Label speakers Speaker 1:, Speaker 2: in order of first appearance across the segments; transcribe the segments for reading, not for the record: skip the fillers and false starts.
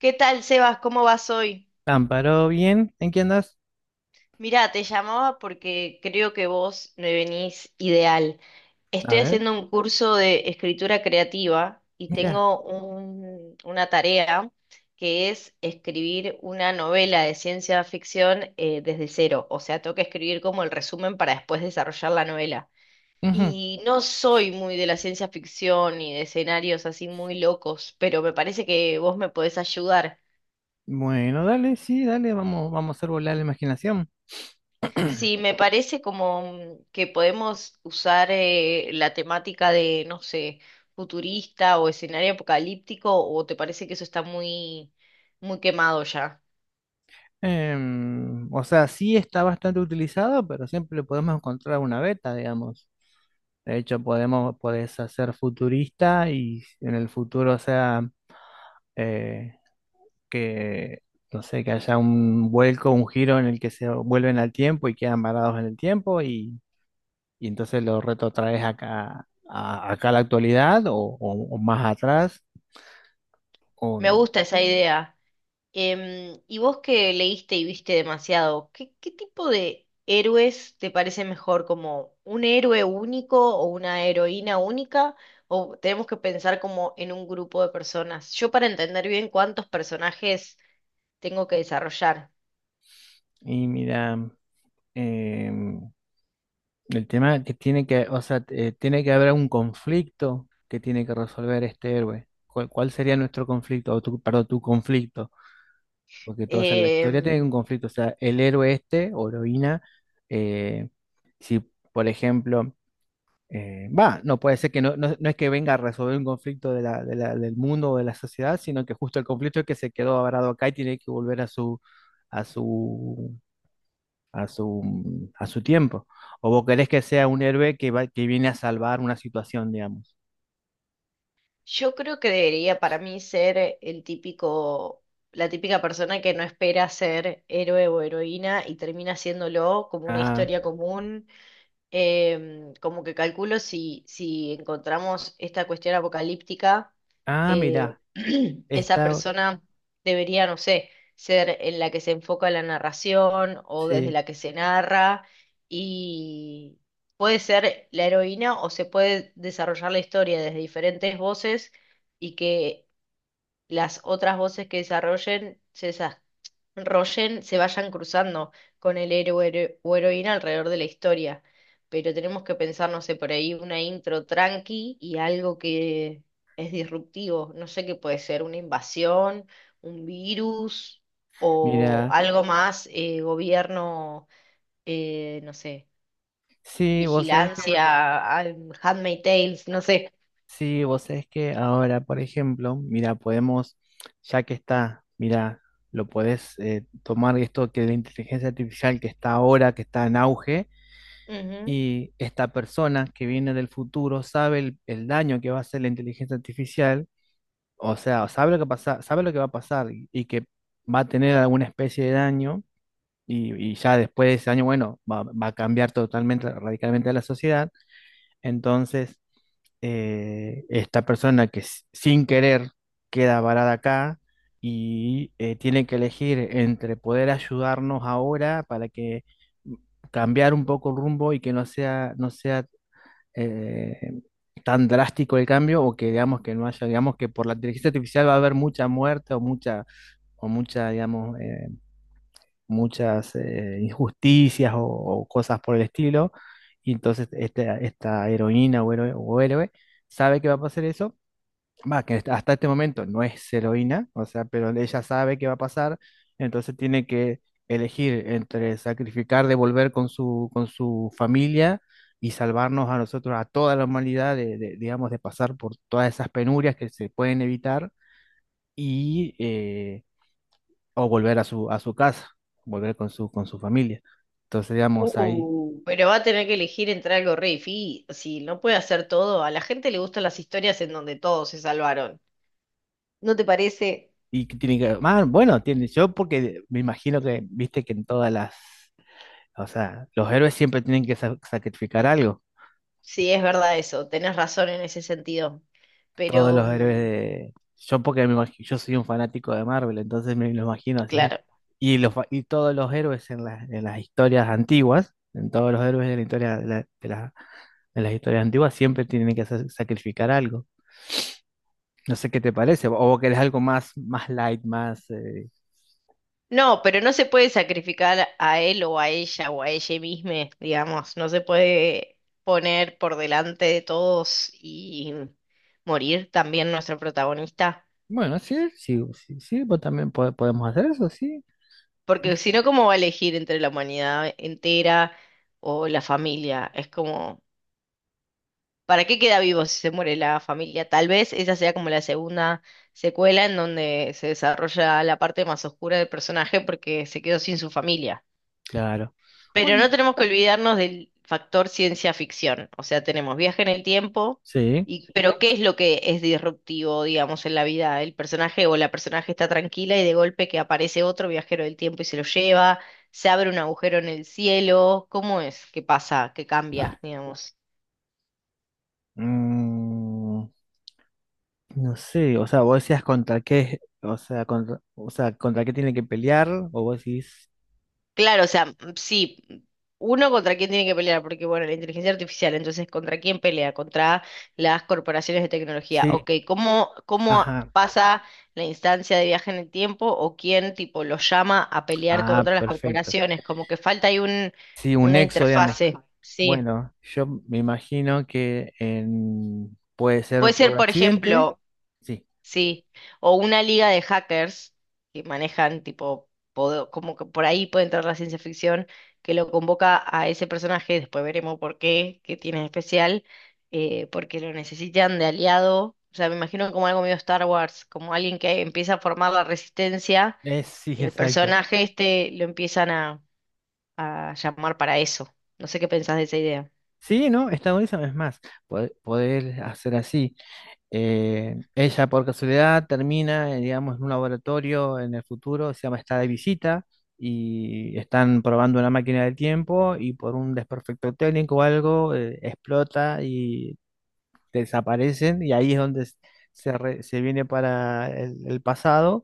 Speaker 1: ¿Qué tal, Sebas? ¿Cómo vas hoy?
Speaker 2: Amparo, bien, ¿en qué andas?
Speaker 1: Mira, te llamaba porque creo que vos me venís ideal.
Speaker 2: A
Speaker 1: Estoy
Speaker 2: ver,
Speaker 1: haciendo un curso de escritura creativa y
Speaker 2: mira.
Speaker 1: tengo una tarea que es escribir una novela de ciencia ficción desde cero. O sea, tengo que escribir como el resumen para después desarrollar la novela.
Speaker 2: Ujú.
Speaker 1: Y no soy muy de la ciencia ficción ni de escenarios así muy locos, pero me parece que vos me podés ayudar.
Speaker 2: Bueno, dale, sí, dale, vamos, vamos a hacer volar la imaginación.
Speaker 1: Sí, me parece como que podemos usar la temática de, no sé, futurista o escenario apocalíptico, o te parece que eso está muy, muy quemado ya.
Speaker 2: O sea, sí está bastante utilizado, pero siempre le podemos encontrar una beta, digamos. De hecho, podés hacer futurista y en el futuro, o sea, eh, que, no sé, que haya un vuelco, un giro en el que se vuelven al tiempo y quedan varados en el tiempo y entonces lo retrotraes acá, acá a la actualidad o o más atrás.
Speaker 1: Me
Speaker 2: o-
Speaker 1: gusta esa idea. Y vos que leíste y viste demasiado, ¿qué, qué tipo de héroes te parece mejor? ¿Como un héroe único o una heroína única? ¿O tenemos que pensar como en un grupo de personas? Yo, para entender bien cuántos personajes tengo que desarrollar.
Speaker 2: y mira, em, el tema que tiene que, o sea, tiene que haber un conflicto que tiene que resolver este héroe. ¿ cuál sería nuestro conflicto? O tu, perdón, tu conflicto. Porque la historia tiene un
Speaker 1: Em,
Speaker 2: conflicto. O sea, el héroe este o heroína, eh, si por ejemplo no puede ser que no, no es que venga a resolver un conflicto del mundo o de la sociedad, sino que justo el conflicto es que se quedó varado acá y tiene que volver a su, a su, a su tiempo. O vos querés que sea un héroe que va, que viene a salvar una situación, digamos.
Speaker 1: yo creo que debería, para mí, ser el típico, la típica persona que no espera ser héroe o heroína y termina haciéndolo, como una
Speaker 2: Ah,
Speaker 1: historia común. Como que calculo si, si encontramos esta cuestión apocalíptica,
Speaker 2: ah,
Speaker 1: eh,
Speaker 2: mirá,
Speaker 1: esa
Speaker 2: está,
Speaker 1: persona debería, no sé, ser en la que se enfoca la narración o desde
Speaker 2: sí,
Speaker 1: la que se narra, y puede ser la heroína, o se puede desarrollar la historia desde diferentes voces y que las otras voces que desarrollen, se vayan cruzando con el héroe o heroína alrededor de la historia. Pero tenemos que pensar, no sé, por ahí una intro tranqui y algo que es disruptivo. No sé qué puede ser, una invasión, un virus o
Speaker 2: mirá,
Speaker 1: algo más, gobierno, no sé,
Speaker 2: sí, vos sabés que
Speaker 1: vigilancia, ah, Handmaid's Tales, no sé.
Speaker 2: sí, vos sabés que ahora, por ejemplo, mira, ya que está, mira, lo podés tomar esto que la inteligencia artificial que está ahora, que está en auge,
Speaker 1: Ujú.
Speaker 2: y esta persona que viene del futuro sabe el daño que va a hacer la inteligencia artificial, o sea, sabe lo que pasa, sabe lo que va a pasar y que va a tener alguna especie de daño, y ya después de ese daño, bueno, va a cambiar totalmente, radicalmente a la sociedad, entonces esta persona que sin querer queda varada acá y tiene que elegir entre poder ayudarnos ahora para que mm, cambiar un poco el rumbo y que no sea eh, tan drástico el cambio o que digamos que no haya, digamos que por la inteligencia artificial va a haber mucha muerte digamos, muchas injusticias o cosas por el estilo. Y entonces esta heroína o héroe sabe que va a pasar eso. Va, que hasta este momento no es heroína, o sea, pero ella sabe que va a pasar, entonces tiene que elegir entre sacrificar, devolver con su familia y salvarnos a nosotros, a toda la humanidad, digamos, de pasar por todas esas penurias que se pueden evitar y o volver a su casa, volver con su familia. Entonces, digamos, ahí,
Speaker 1: Pero va a tener que elegir entre algo re difícil, no puede hacer todo. A la gente le gustan las historias en donde todos se salvaron. ¿No te parece?
Speaker 2: y que tiene que, ah, bueno, tiene, yo porque me imagino que, viste que en todas las, o sea, los héroes siempre tienen que sacrificar algo,
Speaker 1: Sí, es verdad eso, tenés razón en ese sentido.
Speaker 2: todos
Speaker 1: Pero,
Speaker 2: los héroes
Speaker 1: mm,
Speaker 2: de, yo porque yo soy un fanático de Marvel, entonces me lo imagino así,
Speaker 1: claro.
Speaker 2: y todos los héroes las en las historias antiguas, en todos los héroes de la historia, de las historias antiguas siempre tienen que sacrificar algo. No sé qué te parece, o vos querés algo más, más light, más...
Speaker 1: No, pero no se puede sacrificar a él o a ella, o a ella misma, digamos. No se puede poner por delante de todos y morir también nuestro protagonista.
Speaker 2: Bueno, sí, sí, sí, sí, vos también podemos hacer eso, sí, sí,
Speaker 1: Porque si
Speaker 2: sí,
Speaker 1: no, ¿cómo va a elegir entre la humanidad entera o la familia? Es como, ¿para qué queda vivo si se muere la familia? Tal vez esa sea como la segunda secuela, en donde se desarrolla la parte más oscura del personaje porque se quedó sin su familia.
Speaker 2: claro.
Speaker 1: Pero
Speaker 2: Bueno,
Speaker 1: no tenemos que olvidarnos del factor ciencia ficción. O sea, tenemos viaje en el tiempo,
Speaker 2: sí.
Speaker 1: y, pero ¿qué es lo que es disruptivo, digamos, en la vida? El personaje o la personaje está tranquila y de golpe que aparece otro viajero del tiempo y se lo lleva, se abre un agujero en el cielo. ¿Cómo es? ¿Qué pasa? ¿Qué cambia, digamos?
Speaker 2: Mm, no sé, o sea, vos decías contra qué, o sea, contra qué tiene que pelear, o vos decís,
Speaker 1: Claro, o sea, mm, sí, uno, contra quién tiene que pelear, porque bueno, la inteligencia artificial, entonces, ¿contra quién pelea? Contra las corporaciones de tecnología.
Speaker 2: sí,
Speaker 1: Ok, ¿cómo, cómo
Speaker 2: ajá,
Speaker 1: pasa la instancia de viaje en el tiempo, o quién tipo los llama a pelear
Speaker 2: ah,
Speaker 1: contra las
Speaker 2: perfecto.
Speaker 1: corporaciones? Como que falta ahí un,
Speaker 2: Sí, un
Speaker 1: una
Speaker 2: nexo, digamos.
Speaker 1: interfase. Sí.
Speaker 2: Bueno, yo me imagino que puede ser
Speaker 1: Puede ser,
Speaker 2: por
Speaker 1: por
Speaker 2: accidente,
Speaker 1: ejemplo,
Speaker 2: sí,
Speaker 1: sí, o una liga de hackers que manejan tipo, como que por ahí puede entrar la ciencia ficción, que lo convoca a ese personaje, después veremos por qué, qué tiene de especial, porque lo necesitan de aliado. O sea, me imagino como algo medio Star Wars, como alguien que empieza a formar la resistencia
Speaker 2: es, sí,
Speaker 1: y el
Speaker 2: exacto.
Speaker 1: personaje este lo empiezan a llamar para eso. No sé qué pensás de esa idea.
Speaker 2: Sí, ¿no? Está buenísimo. Es más, poder hacer así. Ella por casualidad termina, digamos, en un laboratorio en el futuro, se llama está de visita y están probando una máquina del tiempo y por un desperfecto técnico o algo explota y desaparecen y ahí es donde se viene para el pasado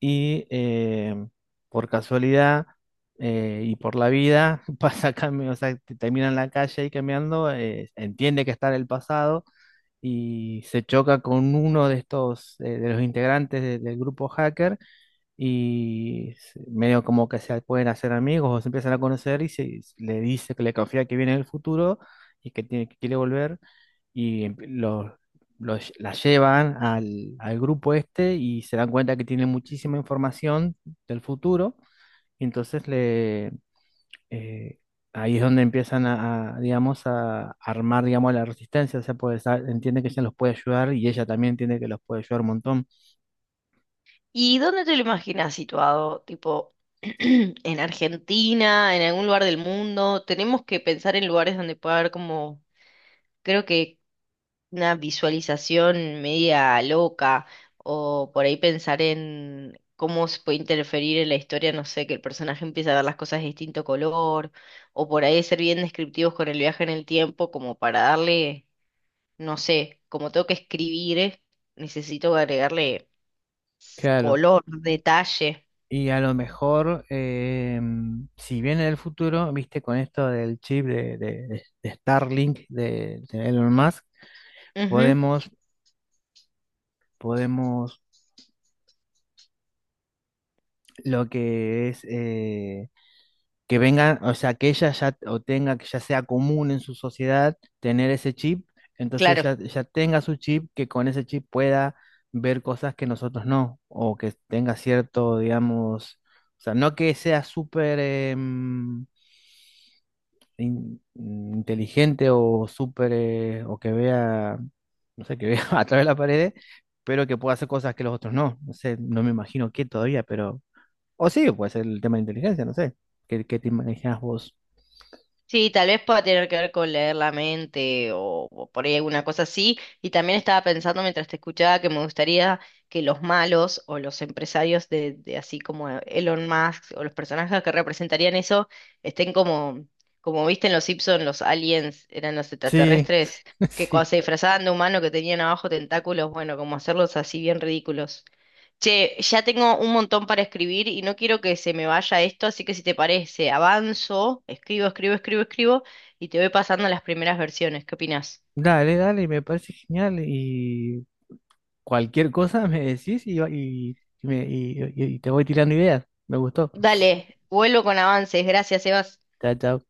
Speaker 2: y por casualidad y por la vida pasa cambio, o sea, termina en la calle y cambiando, entiende que está en el pasado y se choca con uno de estos, de los integrantes del grupo hacker y medio como que se pueden hacer amigos o se empiezan a conocer y se, le dice que le confía que viene el futuro y que tiene que quiere volver y la llevan al grupo este y se dan cuenta que tiene muchísima información del futuro y entonces le eh, ahí es donde empiezan a, digamos a armar digamos la resistencia, o sea pues entiende que ella los puede ayudar y ella también entiende que los puede ayudar un montón.
Speaker 1: ¿Y dónde te lo imaginas situado? Tipo, en Argentina, en algún lugar del mundo. Tenemos que pensar en lugares donde pueda haber como, creo que, una visualización media loca, o por ahí pensar en cómo se puede interferir en la historia, no sé, que el personaje empiece a ver las cosas de distinto color, o por ahí ser bien descriptivos con el viaje en el tiempo, como para darle, no sé, como tengo que escribir, necesito agregarle
Speaker 2: Claro.
Speaker 1: color, detalle.
Speaker 2: Y a lo mejor, em, si viene del futuro, viste, con esto del chip de Starlink de Elon Musk,
Speaker 1: Ujú.
Speaker 2: podemos, podemos, lo que es, que vengan, o sea, que ella ya, o tenga, que ya sea común en su sociedad tener ese chip, entonces
Speaker 1: Claro,
Speaker 2: ya, ya tenga su chip, que con ese chip pueda ver cosas que nosotros no, o que tenga cierto, digamos, o sea, no que sea súper... inteligente o súper, o que vea, no sé, que vea a través de la pared, pero que pueda hacer cosas que los otros no. No sé, no me imagino qué todavía, pero... O sí, puede ser el tema de inteligencia, no sé. ¿Qué, qué te imaginas vos?
Speaker 1: sí, tal vez pueda tener que ver con leer la mente, o por ahí alguna cosa así. Y también estaba pensando mientras te escuchaba que me gustaría que los malos o los empresarios de, así como Elon Musk, o los personajes que representarían eso, estén como, como viste en Los Simpson, los aliens eran los
Speaker 2: Sí,
Speaker 1: extraterrestres que
Speaker 2: sí.
Speaker 1: cuando se disfrazaban de humano que tenían abajo tentáculos, bueno, como hacerlos así bien ridículos. Che, ya tengo un montón para escribir y no quiero que se me vaya esto, así que si te parece, avanzo, escribo, escribo, escribo, escribo y te voy pasando las primeras versiones. ¿Qué opinás?
Speaker 2: Dale, dale, me parece genial y cualquier cosa me decís y te voy tirando ideas. Me gustó.
Speaker 1: Dale, vuelvo con avances. Gracias, Sebas.
Speaker 2: Chao, chao.